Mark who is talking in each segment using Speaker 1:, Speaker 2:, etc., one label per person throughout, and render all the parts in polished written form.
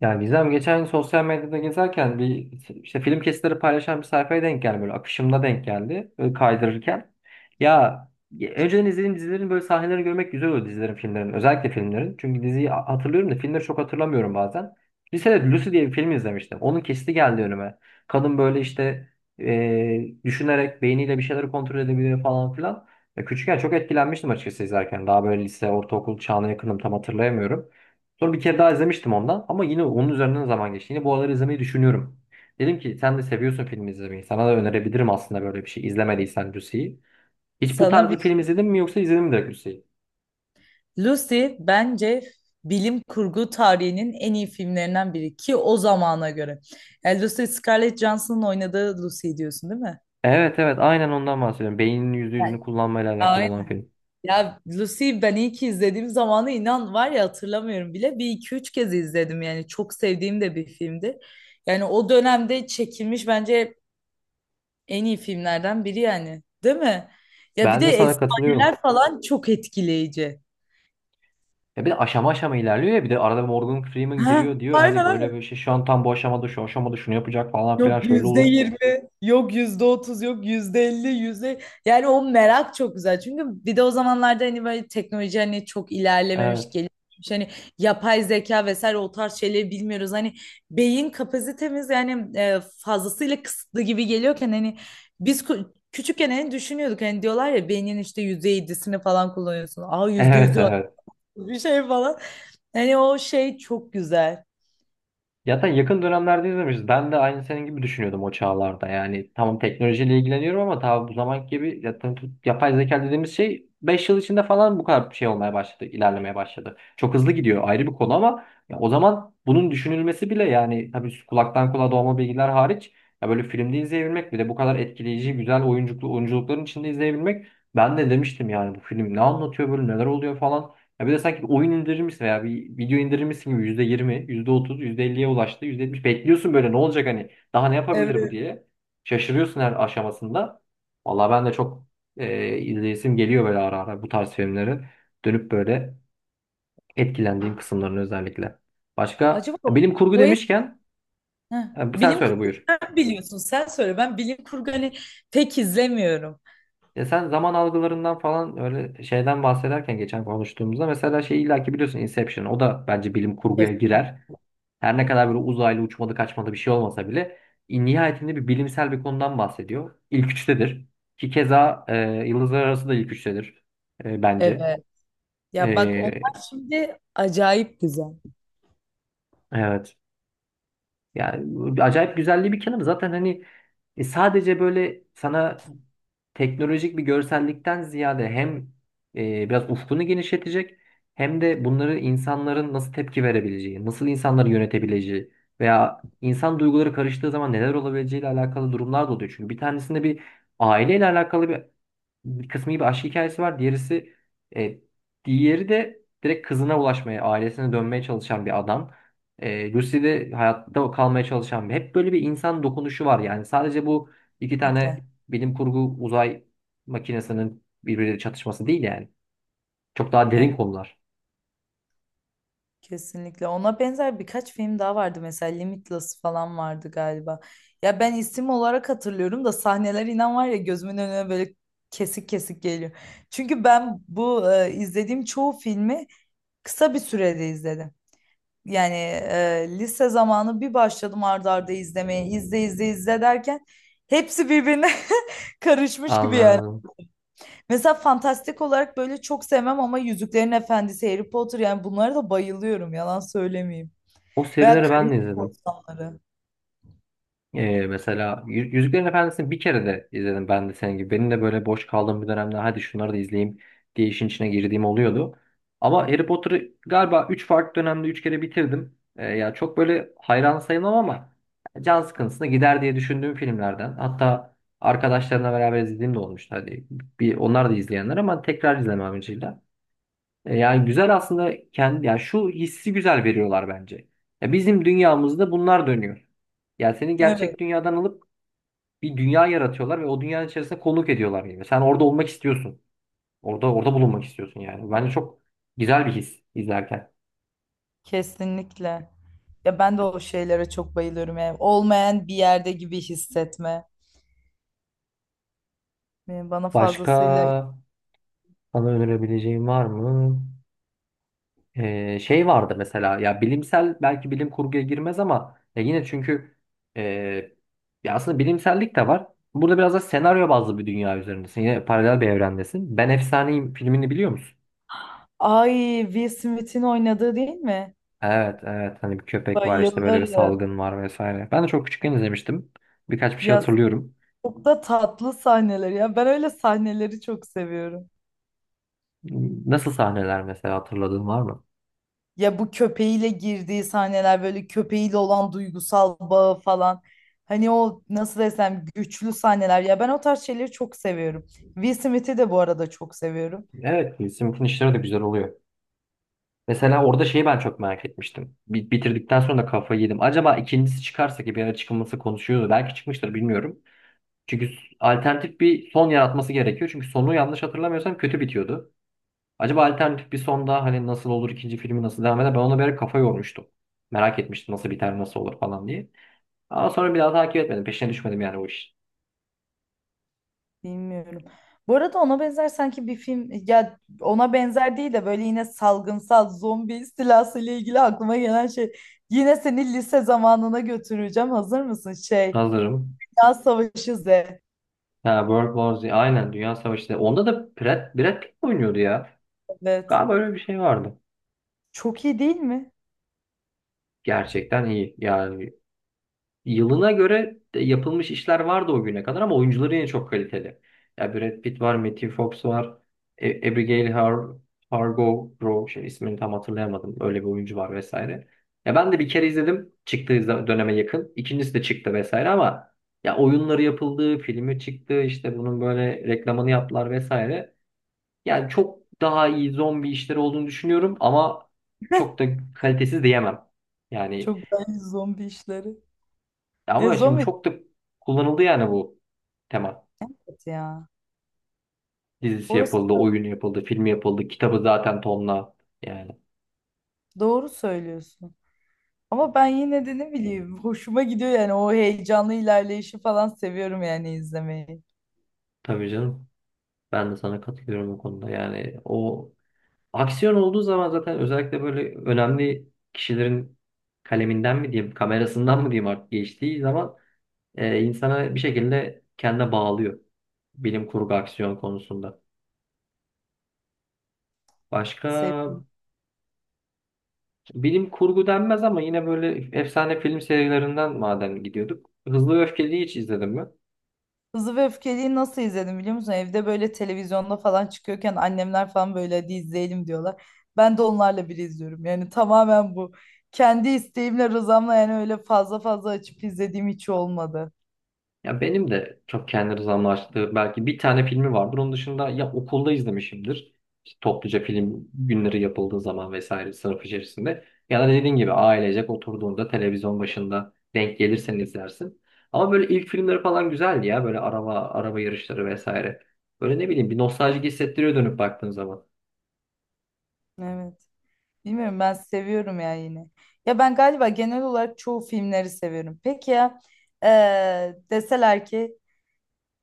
Speaker 1: Ya Gizem geçen sosyal medyada gezerken bir işte film kesitleri paylaşan bir sayfaya denk geldi, böyle akışımda denk geldi böyle kaydırırken. Ya önceden izlediğim dizilerin böyle sahnelerini görmek güzel oluyor, dizilerin, filmlerin, özellikle filmlerin. Çünkü diziyi hatırlıyorum da filmleri çok hatırlamıyorum bazen. Lisede Lucy diye bir film izlemiştim. Onun kesiti geldi önüme. Kadın böyle işte düşünerek beyniyle bir şeyleri kontrol edebiliyor falan filan. Ya küçükken çok etkilenmiştim açıkçası izlerken. Daha böyle lise, ortaokul çağına yakınım, tam hatırlayamıyorum. Sonra bir kere daha izlemiştim ondan, ama yine onun üzerinden zaman geçti. Yine bu aralar izlemeyi düşünüyorum. Dedim ki sen de seviyorsun film izlemeyi. Sana da önerebilirim aslında böyle bir şey. İzlemediysen Lucy'yi. Hiç bu
Speaker 2: Sana
Speaker 1: tarz bir
Speaker 2: bir.
Speaker 1: film izledin mi, yoksa izledin mi direkt Lucy'yi?
Speaker 2: Lucy bence bilim kurgu tarihinin en iyi filmlerinden biri, ki o zamana göre. Yani Lucy, Scarlett Johansson'ın oynadığı Lucy diyorsun değil mi?
Speaker 1: Evet, evet, aynen ondan bahsediyorum. Beyninin yüzde
Speaker 2: Evet.
Speaker 1: yüzünü kullanmayla alakalı
Speaker 2: Aynen.
Speaker 1: olan film.
Speaker 2: Ya Lucy, ben iyi ki izlediğim zamanı, inan var ya, hatırlamıyorum bile. Bir iki üç kez izledim yani, çok sevdiğim de bir filmdi. Yani o dönemde çekilmiş bence en iyi filmlerden biri, yani değil mi? Ya bir
Speaker 1: Ben
Speaker 2: de
Speaker 1: de sana katılıyorum.
Speaker 2: efsaneler falan çok etkileyici.
Speaker 1: Ya bir de aşama aşama ilerliyor, ya bir de arada Morgan Freeman
Speaker 2: Ha,
Speaker 1: giriyor, diyor
Speaker 2: aynen
Speaker 1: hani böyle
Speaker 2: aynen.
Speaker 1: bir şey, şu an tam bu aşamada şu aşamada şunu yapacak falan filan,
Speaker 2: Yok
Speaker 1: şöyle
Speaker 2: yüzde
Speaker 1: olur.
Speaker 2: yirmi, yok %30, yok %50, yüzde... Yani o merak çok güzel. Çünkü bir de o zamanlarda hani böyle teknoloji hani çok ilerlememiş,
Speaker 1: Evet.
Speaker 2: gelişmiş. Hani yapay zeka vesaire o tarz şeyleri bilmiyoruz. Hani beyin kapasitemiz yani fazlasıyla kısıtlı gibi geliyorken, hani biz küçükken hani düşünüyorduk. Hani diyorlar ya, beynin işte %7'sini falan kullanıyorsun. Aa, yüzde
Speaker 1: Evet,
Speaker 2: yüzü var,
Speaker 1: evet.
Speaker 2: bir şey falan. Hani o şey çok güzel.
Speaker 1: Zaten yakın dönemlerde izlemişiz. Ben de aynı senin gibi düşünüyordum o çağlarda. Yani tamam, teknolojiyle ilgileniyorum ama tabii bu zamanki gibi zaten yapay zeka dediğimiz şey 5 yıl içinde falan bu kadar bir şey olmaya başladı, ilerlemeye başladı. Çok hızlı gidiyor, ayrı bir konu ama ya o zaman bunun düşünülmesi bile, yani tabii kulaktan kulağa dolma bilgiler hariç, ya böyle filmde izleyebilmek, bir de bu kadar etkileyici, güzel oyunculuklu oyunculukların içinde izleyebilmek, ben de demiştim yani bu film ne anlatıyor böyle, neler oluyor falan. Ya bir de sanki bir oyun indirirmiş veya bir video indirirmişsin gibi, yüzde yirmi, yüzde otuz, yüzde elliye ulaştı, %70 bekliyorsun, böyle ne olacak, hani daha ne
Speaker 2: Evet.
Speaker 1: yapabilir bu diye. Şaşırıyorsun her aşamasında. Vallahi ben de çok izleyesim geliyor böyle ara ara bu tarz filmleri. Dönüp böyle etkilendiğim kısımlarını özellikle. Başka,
Speaker 2: Acaba
Speaker 1: bilim kurgu
Speaker 2: o.
Speaker 1: demişken,
Speaker 2: Heh.
Speaker 1: sen
Speaker 2: Bilim kurgu,
Speaker 1: söyle buyur.
Speaker 2: sen biliyorsun, sen söyle. Ben bilim kurgu hani pek izlemiyorum.
Speaker 1: Ya sen zaman algılarından falan öyle şeyden bahsederken, geçen konuştuğumuzda mesela, şey, illaki biliyorsun, Inception, o da bence bilim kurguya
Speaker 2: Kesinlikle.
Speaker 1: girer. Her ne kadar böyle uzaylı uçmadı kaçmadı bir şey olmasa bile nihayetinde bir bilimsel bir konudan bahsediyor. İlk üçtedir. Ki keza Yıldızlar Arası da ilk üçtedir bence.
Speaker 2: Evet. Ya bak,
Speaker 1: E,
Speaker 2: onlar şimdi acayip güzel.
Speaker 1: evet. Yani acayip güzelliği bir kenarı. Zaten hani sadece böyle sana teknolojik bir görsellikten ziyade, hem biraz ufkunu genişletecek, hem de bunları insanların nasıl tepki verebileceği, nasıl insanları yönetebileceği veya insan duyguları karıştığı zaman neler olabileceğiyle alakalı durumlar da oluyor. Çünkü bir tanesinde bir aileyle alakalı bir kısmı gibi aşk hikayesi var. Diğerisi, e, diğeri de direkt kızına ulaşmaya, ailesine dönmeye çalışan bir adam. Lucy de hayatta kalmaya çalışan bir. Hep böyle bir insan dokunuşu var yani. Sadece bu iki
Speaker 2: Kesinlikle.
Speaker 1: tane bilim kurgu uzay makinesinin birbiriyle çatışması değil yani. Çok daha derin
Speaker 2: Evet,
Speaker 1: konular.
Speaker 2: kesinlikle. Ona benzer birkaç film daha vardı, mesela Limitless falan vardı galiba. Ya ben isim olarak hatırlıyorum da sahneler, inan var ya, gözümün önüne böyle kesik kesik geliyor. Çünkü ben bu izlediğim çoğu filmi kısa bir sürede izledim. Yani lise zamanı bir başladım arda arda izlemeye. İzle izle izle derken hepsi birbirine karışmış gibi yani.
Speaker 1: Anladım.
Speaker 2: Mesela fantastik olarak böyle çok sevmem ama Yüzüklerin Efendisi, Harry Potter, yani bunlara da bayılıyorum, yalan söylemeyeyim.
Speaker 1: O
Speaker 2: Veya
Speaker 1: serileri ben
Speaker 2: Karayip
Speaker 1: de izledim.
Speaker 2: Korsanları.
Speaker 1: Mesela Yüzüklerin Efendisi'ni bir kere de izledim ben de senin gibi. Benim de böyle boş kaldığım bir dönemde hadi şunları da izleyeyim diye işin içine girdiğim oluyordu. Ama Harry Potter'ı galiba 3 farklı dönemde 3 kere bitirdim. Ya çok böyle hayran sayılmam ama can sıkıntısına gider diye düşündüğüm filmlerden. Hatta arkadaşlarımla beraber izlediğim de olmuştu. Hadi bir onlar da izleyenler ama tekrar izlemem amacıyla. Yani güzel aslında kendi, yani şu hissi güzel veriyorlar bence. Ya bizim dünyamızda bunlar dönüyor. Yani seni
Speaker 2: Evet.
Speaker 1: gerçek dünyadan alıp bir dünya yaratıyorlar ve o dünyanın içerisinde konuk ediyorlar gibi. Sen orada olmak istiyorsun. Orada bulunmak istiyorsun yani. Bence çok güzel bir his izlerken.
Speaker 2: Kesinlikle. Ya ben de o şeylere çok bayılıyorum yani. Olmayan bir yerde gibi hissetme. Yani bana
Speaker 1: Başka
Speaker 2: fazlasıyla.
Speaker 1: sana önerebileceğim var mı? Şey vardı mesela, ya bilimsel, belki bilim kurguya girmez ama ya yine, çünkü e, ya aslında bilimsellik de var. Burada biraz da senaryo bazlı bir dünya üzerindesin. Yine paralel bir evrendesin. Ben Efsaneyim filmini biliyor musun?
Speaker 2: Ay, Will Smith'in oynadığı değil mi?
Speaker 1: Evet, evet, hani bir köpek var, işte böyle bir
Speaker 2: Bayılırım.
Speaker 1: salgın var vesaire. Ben de çok küçükken izlemiştim. Birkaç bir şey
Speaker 2: Ya
Speaker 1: hatırlıyorum.
Speaker 2: çok da tatlı sahneler ya. Ben öyle sahneleri çok seviyorum.
Speaker 1: Nasıl sahneler mesela, hatırladığın var mı?
Speaker 2: Ya bu köpeğiyle girdiği sahneler, böyle köpeğiyle olan duygusal bağı falan. Hani o, nasıl desem, güçlü sahneler. Ya ben o tarz şeyleri çok seviyorum. Will Smith'i de bu arada çok seviyorum.
Speaker 1: Evet, Sim'in işleri de güzel oluyor. Mesela orada şeyi ben çok merak etmiştim. Bitirdikten sonra da kafayı yedim. Acaba ikincisi çıkarsa, ki bir ara çıkılması konuşuyordu, belki çıkmıştır, bilmiyorum. Çünkü alternatif bir son yaratması gerekiyor. Çünkü sonu yanlış hatırlamıyorsam kötü bitiyordu. Acaba alternatif bir sonda hani nasıl olur, ikinci filmi nasıl devam eder? Ben ona bir ara kafa yormuştum. Merak etmiştim nasıl biter, nasıl olur falan diye. Ama sonra bir daha takip etmedim. Peşine düşmedim yani o iş.
Speaker 2: Bilmiyorum. Bu arada ona benzer sanki bir film, ya ona benzer değil de böyle yine salgınsal zombi istilası ile ilgili aklıma gelen şey, yine seni lise zamanına götüreceğim. Hazır mısın? Şey,
Speaker 1: Hazırım.
Speaker 2: Dünya Savaşı Z.
Speaker 1: Ha, World War Z. Aynen, Dünya Savaşı. Onda da Brad Pitt mi oynuyordu ya?
Speaker 2: Evet.
Speaker 1: Galiba öyle bir şey vardı.
Speaker 2: Çok iyi değil mi?
Speaker 1: Gerçekten iyi. Yani yılına göre de yapılmış işler vardı o güne kadar, ama oyuncuları yine çok kaliteli. Ya Brad Pitt var, Matthew Fox var, Abigail Hargo Row, şey, ismini tam hatırlayamadım. Öyle bir oyuncu var vesaire. Ya ben de bir kere izledim. Çıktığı döneme yakın. İkincisi de çıktı vesaire, ama ya oyunları yapıldı, filmi çıktı, işte bunun böyle reklamını yaptılar vesaire. Yani çok daha iyi zombi işleri olduğunu düşünüyorum, ama çok da kalitesiz diyemem. Yani
Speaker 2: Çok güzel zombi işleri. Ya
Speaker 1: ama şimdi
Speaker 2: zombi,
Speaker 1: çok da kullanıldı yani bu tema.
Speaker 2: evet ya.
Speaker 1: Dizisi
Speaker 2: Orası
Speaker 1: yapıldı,
Speaker 2: da-
Speaker 1: oyunu yapıldı, filmi yapıldı, kitabı zaten tonla. Yani
Speaker 2: doğru söylüyorsun. Ama ben yine de ne bileyim, hoşuma gidiyor yani. O heyecanlı ilerleyişi falan seviyorum yani, izlemeyi.
Speaker 1: tabii canım. Ben de sana katılıyorum bu konuda. Yani o, aksiyon olduğu zaman zaten, özellikle böyle önemli kişilerin kaleminden mi diyeyim, kamerasından mı diyeyim artık, geçtiği zaman insana bir şekilde kendine bağlıyor. Bilim kurgu aksiyon konusunda. Başka,
Speaker 2: Seviyorum.
Speaker 1: bilim kurgu denmez ama yine böyle efsane film serilerinden madem gidiyorduk, Hızlı ve Öfkeli'yi hiç izledim mi?
Speaker 2: Hızlı ve Öfkeli'yi nasıl izledim biliyor musun? Evde böyle televizyonda falan çıkıyorken annemler falan böyle hadi izleyelim diyorlar. Ben de onlarla bir izliyorum. Yani tamamen bu. Kendi isteğimle, rızamla yani öyle fazla fazla açıp izlediğim hiç olmadı.
Speaker 1: Ya benim de çok kendi rızamla açtığı belki bir tane filmi vardır. Onun dışında ya okulda izlemişimdir. İşte topluca film günleri yapıldığı zaman vesaire, sınıf içerisinde. Ya da dediğin gibi ailecek oturduğunda televizyon başında denk gelirsen izlersin. Ama böyle ilk filmleri falan güzeldi ya. Böyle araba araba yarışları vesaire. Böyle ne bileyim, bir nostaljik hissettiriyor dönüp baktığın zaman.
Speaker 2: Evet. Bilmiyorum, ben seviyorum ya yine. Ya ben galiba genel olarak çoğu filmleri seviyorum. Peki ya deseler ki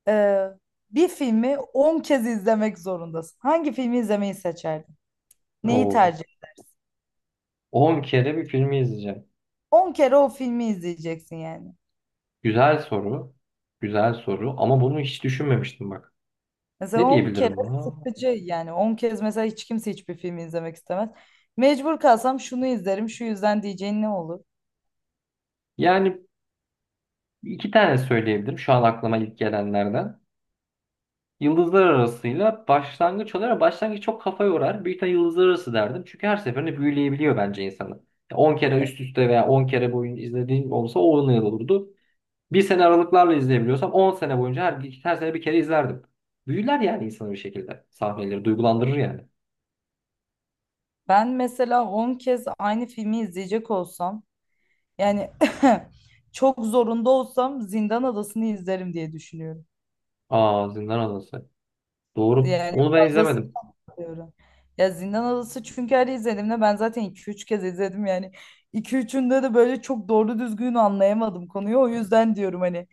Speaker 2: eee, bir filmi 10 kez izlemek zorundasın. Hangi filmi izlemeyi seçerdin? Neyi
Speaker 1: Oo.
Speaker 2: tercih?
Speaker 1: 10 kere bir filmi izleyeceğim.
Speaker 2: 10 kere o filmi izleyeceksin yani.
Speaker 1: Güzel soru. Güzel soru. Ama bunu hiç düşünmemiştim bak.
Speaker 2: Mesela
Speaker 1: Ne
Speaker 2: 10 kere
Speaker 1: diyebilirim buna?
Speaker 2: sıkıcı, yani 10 kez mesela hiç kimse hiçbir filmi izlemek istemez. Mecbur kalsam şunu izlerim şu yüzden diyeceğin ne olur?
Speaker 1: Yani 2 tane söyleyebilirim şu an aklıma ilk gelenlerden. Yıldızlar arasıyla başlangıç olarak, başlangıç çok kafa yorar. Büyük ihtimalle yıldızlar arası derdim. Çünkü her seferinde büyüleyebiliyor bence insanı. 10 kere üst üste veya 10 kere boyunca izlediğim olsa 10 yıl olurdu. Bir sene aralıklarla izleyebiliyorsam 10 sene boyunca her sene bir kere izlerdim. Büyüler yani insanı bir şekilde. Sahneleri duygulandırır yani.
Speaker 2: Ben mesela 10 kez aynı filmi izleyecek olsam, yani çok zorunda olsam, Zindan Adası'nı izlerim diye düşünüyorum.
Speaker 1: Aa, Zindan Adası. Doğru.
Speaker 2: Yani
Speaker 1: Onu ben
Speaker 2: fazla
Speaker 1: izlemedim.
Speaker 2: sıkılıyorum. Ya Zindan Adası, çünkü her izlediğimde, ben zaten iki üç kez izledim yani. İki 3'ünde de böyle çok doğru düzgün anlayamadım konuyu, o yüzden diyorum hani.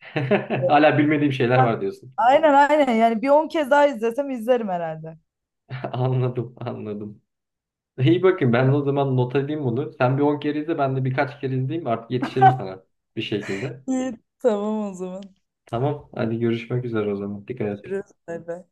Speaker 1: Hala bilmediğim şeyler var diyorsun.
Speaker 2: Aynen aynen, yani bir 10 kez daha izlesem izlerim herhalde.
Speaker 1: Anladım, anladım. İyi bakın, ben o zaman not edeyim bunu. Sen bir 10 kere izle, ben de birkaç kere izleyeyim, artık yetişirim sana bir şekilde.
Speaker 2: İyi, tamam o zaman.
Speaker 1: Tamam hadi görüşmek üzere o zaman. Dikkat et.
Speaker 2: Görüşürüz. Bay bay.